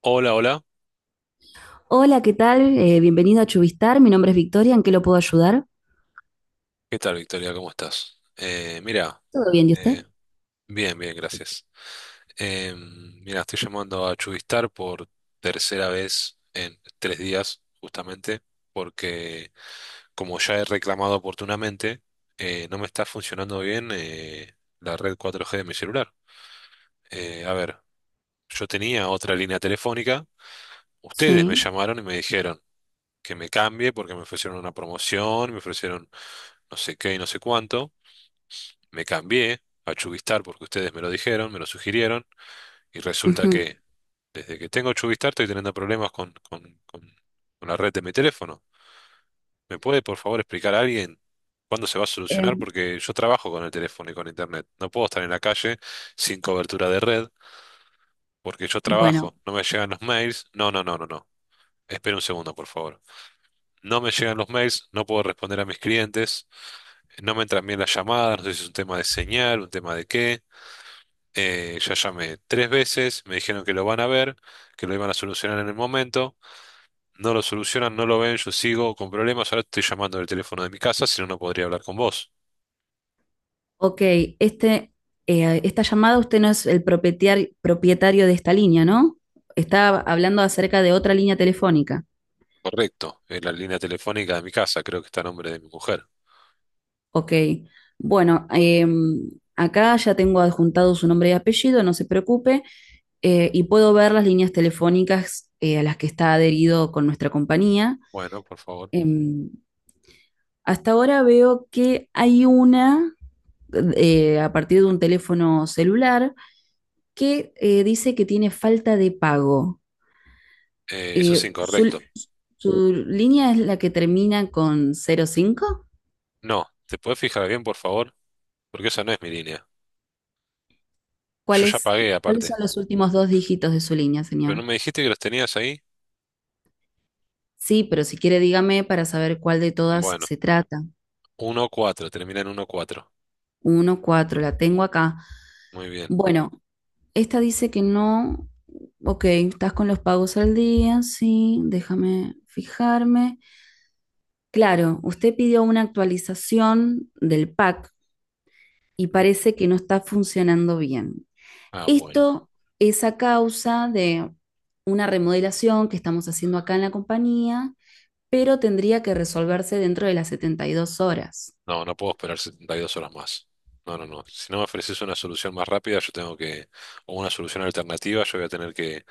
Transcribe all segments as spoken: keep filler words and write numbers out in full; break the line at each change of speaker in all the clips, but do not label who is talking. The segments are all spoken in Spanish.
Hola, hola.
Hola, ¿qué tal? Eh, bienvenido a Chubistar. Mi nombre es Victoria. ¿En qué lo puedo ayudar?
¿Qué tal, Victoria? ¿Cómo estás? Eh, mira,
¿Todo bien? ¿Y usted?
eh, bien, bien, gracias. Eh, mira, estoy llamando a Chubistar por tercera vez en tres días, justamente, porque como ya he reclamado oportunamente, eh, no me está funcionando bien eh, la red cuatro G de mi celular. Eh, a ver, yo tenía otra línea telefónica, ustedes me
Sí.
llamaron y me dijeron que me cambie porque me ofrecieron una promoción, me ofrecieron no sé qué y no sé cuánto. Me cambié a Chubistar porque ustedes me lo dijeron, me lo sugirieron, y resulta
Ujú.
que desde que tengo Chubistar estoy teniendo problemas con, con- con- con la red de mi teléfono. ¿Me puede, por favor, explicar a alguien cuándo se va a solucionar?
Em,
Porque yo trabajo con el teléfono y con internet. No puedo estar en la calle sin cobertura de red porque yo
bueno,
trabajo, no me llegan los mails. No, no, no, no, no. Espera un segundo, por favor. No me llegan los mails, no puedo responder a mis clientes, no me entran bien las llamadas, no sé si es un tema de señal, un tema de qué. Eh, ya llamé tres veces, me dijeron que lo van a ver, que lo iban a solucionar en el momento. No lo solucionan, no lo ven, yo sigo con problemas. Ahora estoy llamando del teléfono de mi casa, si no, no podría hablar con vos.
ok. Este, eh, esta llamada, usted no es el propietario, propietario de esta línea, ¿no? Está hablando acerca de otra línea telefónica.
Correcto, es la línea telefónica de mi casa, creo que está a nombre de mi mujer.
Ok. Bueno, em, acá ya tengo adjuntado su nombre y apellido, no se preocupe. Eh, y puedo ver las líneas telefónicas eh, a las que está adherido con nuestra compañía.
Bueno, por favor.
Em, Hasta ahora veo que hay una eh, a partir de un teléfono celular que eh, dice que tiene falta de pago.
Eh, eso es
Eh, su,
incorrecto.
su línea es la que termina con cero cinco?
No, ¿te podés fijar bien, por favor? Porque esa no es mi línea.
¿Cuál
Yo ya
es-
pagué
¿Cuáles
aparte.
son los últimos dos dígitos de su línea,
¿Pero no
señor?
me dijiste que los tenías ahí?
Sí, pero si quiere dígame para saber cuál de todas
Bueno,
se trata.
uno cuatro, termina en uno cuatro.
Uno, cuatro, la tengo acá.
Muy bien.
Bueno, esta dice que no. Ok, estás con los pagos al día, sí, déjame fijarme. Claro, usted pidió una actualización del pack y
¿Mm?
parece que no está funcionando bien.
Ah, bueno.
Esto es a causa de una remodelación que estamos haciendo acá en la compañía, pero tendría que resolverse dentro de las setenta y dos horas.
No, no puedo esperar setenta y dos horas más. No, no, no. Si no me ofreces una solución más rápida, yo tengo que, o una solución alternativa, yo voy a tener que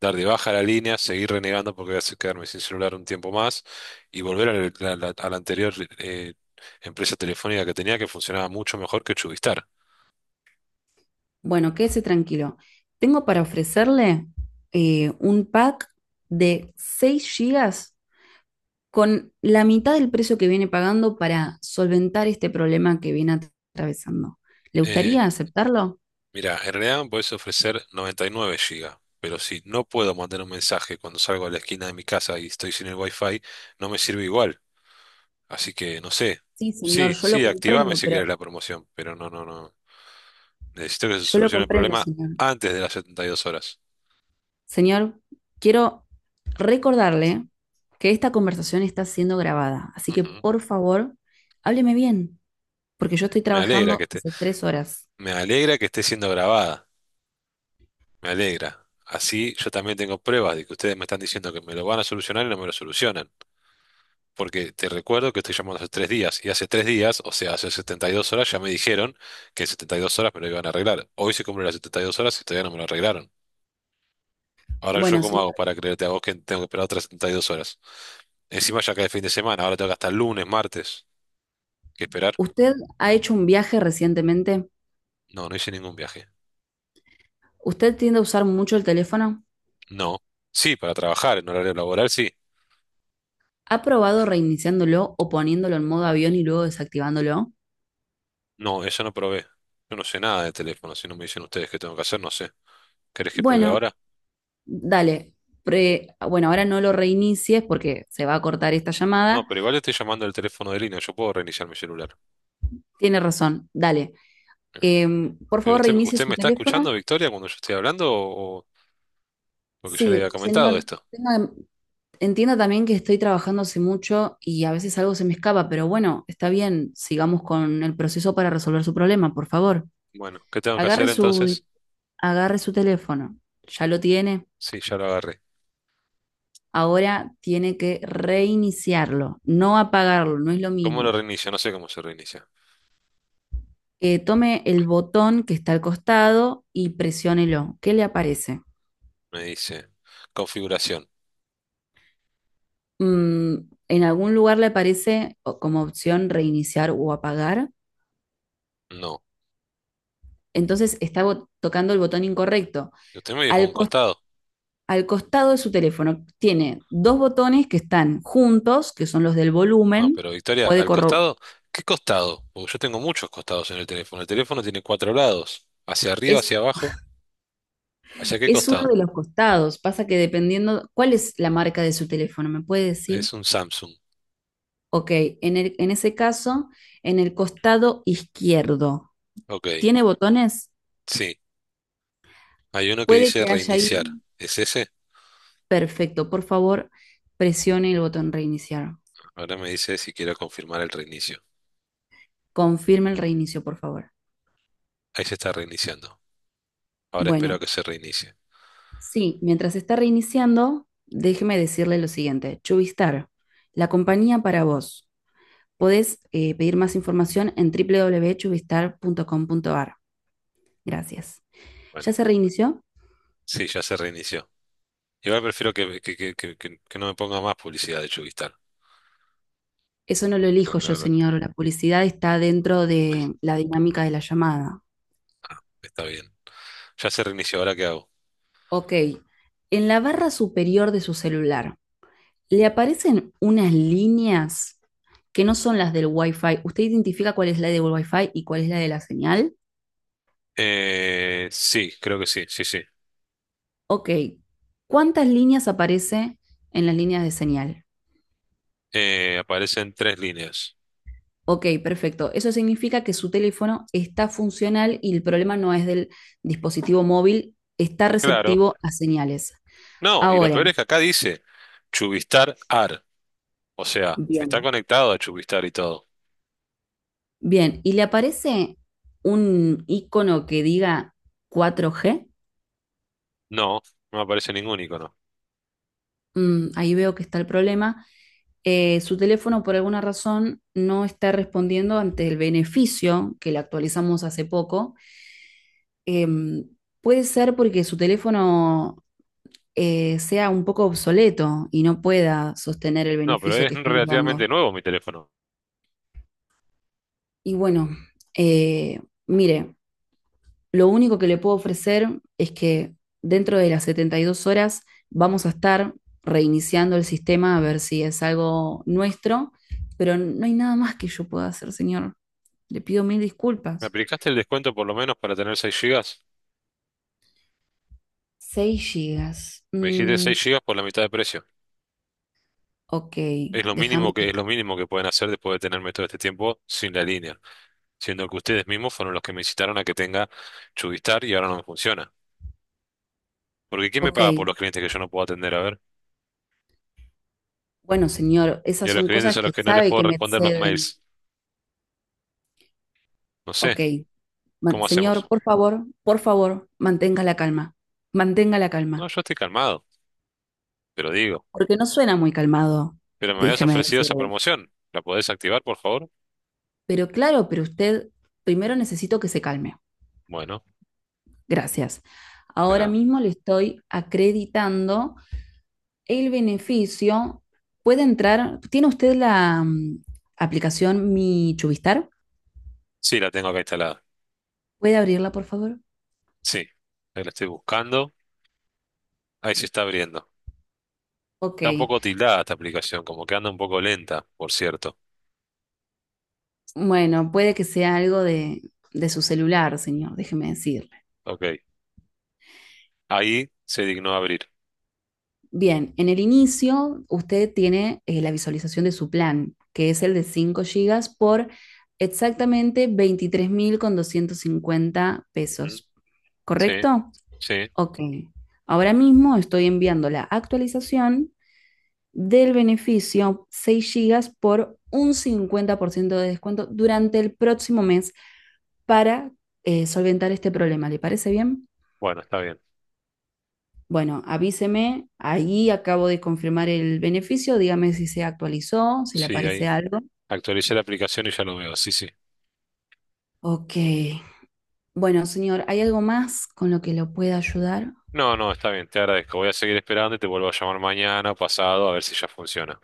dar de baja la línea, seguir renegando porque voy a se- quedarme sin celular un tiempo más y volver a la, la- a la anterior eh, empresa telefónica que tenía, que funcionaba mucho mejor que Chubistar.
Bueno, quédese tranquilo. Tengo para ofrecerle eh, un pack de seis gigas con la mitad del precio que viene pagando para solventar este problema que viene atravesando. ¿Le
Eh,
gustaría aceptarlo?
Mira, en realidad me podés ofrecer noventa y nueve gigas, pero si no puedo mandar un mensaje cuando salgo a la esquina de mi casa y estoy sin el wifi, no me sirve igual. Así que no sé.
Sí, señor,
Sí,
yo lo
sí, activame
comprendo,
si querés
pero
la promoción, pero no, no, no. Necesito que se
yo lo
solucione el
comprendo,
problema
señor.
antes de las setenta y dos horas.
Señor, quiero recordarle que esta conversación está siendo grabada, así que
Ujú.
por favor, hábleme bien, porque yo estoy
Me alegra que
trabajando
esté,
hace tres horas.
me alegra que esté siendo grabada. Me alegra. Así yo también tengo pruebas de que ustedes me están diciendo que me lo van a solucionar y no me lo solucionan. Porque te recuerdo que estoy llamando hace tres días y hace tres días, o sea, hace setenta y dos horas ya me dijeron que en setenta y dos horas me lo iban a arreglar. Hoy se cumplen las setenta y dos horas y todavía no me lo arreglaron. Ahora yo
Bueno,
cómo hago
señor,
para creerte a vos que tengo que esperar otras setenta y dos horas. Encima ya cae el fin de semana, ahora tengo que hasta el lunes, martes, que esperar.
¿usted ha hecho un viaje recientemente?
No, no hice ningún viaje.
¿Usted tiende a usar mucho el teléfono?
No. Sí, para trabajar en horario laboral, sí.
¿Ha probado reiniciándolo o poniéndolo en modo avión y luego desactivándolo?
No, eso no probé. Yo no sé nada de teléfono, si no me dicen ustedes qué tengo que hacer, no sé. ¿Querés que pruebe
Bueno,
ahora?
dale. Pre- bueno, ahora no lo reinicies porque se va a cortar esta
No,
llamada.
pero igual estoy llamando el teléfono de línea, yo puedo reiniciar mi celular.
Tiene razón, dale. Em, por
Pero
favor,
usted,
reinicie
¿usted
su
me está
teléfono.
escuchando, Victoria, cuando yo estoy hablando o, o- porque ya le había
Sí,
comentado
señor.
esto?
tenga- Entienda también que estoy trabajando hace mucho y a veces algo se me escapa, pero bueno, está bien. Sigamos con el proceso para resolver su problema, por favor.
Bueno, ¿qué tengo que
Agarre
hacer
su,
entonces?
agarre su teléfono. ¿Ya lo tiene?
Sí, ya lo agarré.
Ahora tiene que reiniciarlo, no apagarlo, no es lo
¿Cómo lo
mismo.
reinicio? No sé cómo se reinicia.
Eh, tome el botón que está al costado y presiónelo. ¿Qué le aparece?
Me dice configuración.
Mm, en algún lugar le aparece como opción reiniciar o apagar.
No.
Entonces está tocando el botón incorrecto.
Y usted me dijo
Al,
un
cos-
costado.
al costado de su teléfono tiene dos botones que están juntos, que son los del
No,
volumen.
pero Victoria,
Puede
al
corro-
costado, ¿qué costado? Porque yo tengo muchos costados en el teléfono. El teléfono tiene cuatro lados, hacia arriba, hacia
es
abajo, ¿hacia qué
Es uno
costado?
de los costados. Pasa que dependiendo, ¿cuál es la marca de su teléfono? ¿Me puede decir?
Es un Samsung.
Ok, en el- en ese caso, en el costado izquierdo,
Ok,
¿tiene botones?
sí. Hay uno que
Puede
dice
que haya ahí.
reiniciar. ¿Es ese?
Perfecto, por favor, presione el botón reiniciar.
Ahora me dice si quiero confirmar el reinicio.
Confirme el reinicio, por favor.
Ahí se está reiniciando. Ahora espero a
Bueno,
que se reinicie.
sí, mientras está reiniciando, déjeme decirle lo siguiente. Chubistar, la compañía para vos. Podés eh, pedir más información en w w w punto chubistar punto com punto a r. Gracias.
Bueno,
¿Ya se reinició?
sí, ya se reinició. Igual prefiero que, que, que, que, que- que no me ponga más publicidad de Chubistar.
Eso no lo
La
elijo
la
yo,
verdad,
señor. La publicidad está dentro de la dinámica de la llamada.
está bien. Ya se reinició, ¿ahora qué hago?
Ok. En la barra superior de su celular, le aparecen unas líneas que no son las del Wi-Fi. ¿Usted identifica cuál es la del Wi-Fi y cuál es la de la señal?
Eh, sí, creo que sí, sí, sí.
Ok. ¿Cuántas líneas aparece en las líneas de señal?
Eh, aparecen tres líneas.
Ok, perfecto. Eso significa que su teléfono está funcional y el problema no es del dispositivo móvil, está
Claro.
receptivo a señales.
No, y lo
Ahora,
peor es que acá dice Chubistar A R. O sea, está
bien.
conectado a Chubistar y todo.
Bien, ¿y le aparece un icono que diga cuatro G?
No, no aparece ningún icono.
Mm, ahí veo que está el problema. Eh, su teléfono por alguna razón no está respondiendo ante el beneficio que le actualizamos hace poco. Em, Puede ser porque su teléfono eh, sea un poco obsoleto y no pueda sostener el
No, pero
beneficio
es
que estamos dando.
relativamente nuevo mi teléfono.
Y bueno, eh, mire, lo único que le puedo ofrecer es que dentro de las setenta y dos horas vamos a estar reiniciando el sistema a ver si es algo nuestro, pero no hay nada más que yo pueda hacer, señor. Le pido mil
¿Me
disculpas.
aplicaste el descuento por lo menos para tener seis gigas?
Seis gigas.
Me dijiste
Mm,
seis gigas por la mitad de precio.
ok,
Es lo mínimo
déjame. que-
que, es lo mínimo que pueden hacer después de tenerme todo este tiempo sin la línea, siendo que ustedes mismos fueron los que me incitaron a que tenga Chubistar y ahora no me funciona. Porque ¿quién me
Ok,
paga por los clientes que yo no puedo atender? A ver.
bueno, señor,
Y
esas
a los
son
clientes
cosas
a los
que
que no les
sabe
puedo
que me
responder los
exceden.
mails. No sé,
Ok, ma-
¿cómo
señor,
hacemos?
por favor, por favor, mantenga la calma. Mantenga la
No,
calma,
yo estoy calmado, pero digo.
porque no suena muy calmado,
Pero me habías
déjeme
ofrecido esa
decirle.
promoción. ¿La podés activar, por favor?
Pero claro, pero usted, primero necesito que se calme.
Bueno,
Gracias.
de
Ahora
nada.
mismo le estoy acreditando el beneficio. Puede entrar, ¿tiene usted la mm, aplicación Mi Chubistar?
Sí, la tengo acá instalada.
¿Puede abrirla, por favor?
Sí, ahí la estoy buscando. Ahí se está abriendo.
Ok.
Está un poco tildada esta aplicación, como que anda un poco lenta, por cierto.
Bueno, puede que sea algo de, de su celular, señor, déjeme decir.
Ok. Ahí se dignó abrir.
Bien, en el inicio usted tiene eh, la visualización de su plan, que es el de cinco gigas por exactamente veintitrés mil doscientos cincuenta
Ujú.
pesos.
Sí,
¿Correcto?
sí.
Ok. Ahora mismo estoy enviando la actualización del beneficio seis gigas por un cincuenta por ciento de descuento durante el próximo mes para eh, solventar este problema. ¿Le parece bien?
Bueno, está bien.
Bueno, avíseme, ahí acabo de confirmar el beneficio, dígame si se actualizó, si le
Sí, ahí
aparece algo.
actualicé la aplicación y ya lo veo. Sí, sí.
Ok. Bueno, señor, ¿hay algo más con lo que lo pueda ayudar?
No, no, está bien, te agradezco. Voy a seguir esperando y te vuelvo a llamar mañana o pasado a ver si ya funciona.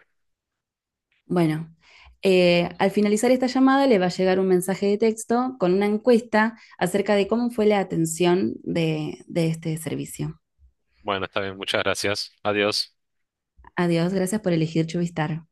Bueno, eh, al finalizar esta llamada le va a llegar un mensaje de texto con una encuesta acerca de cómo fue la atención de, de este servicio.
Bueno, está bien, muchas gracias. Adiós.
Adiós, gracias por elegir Chuvistar.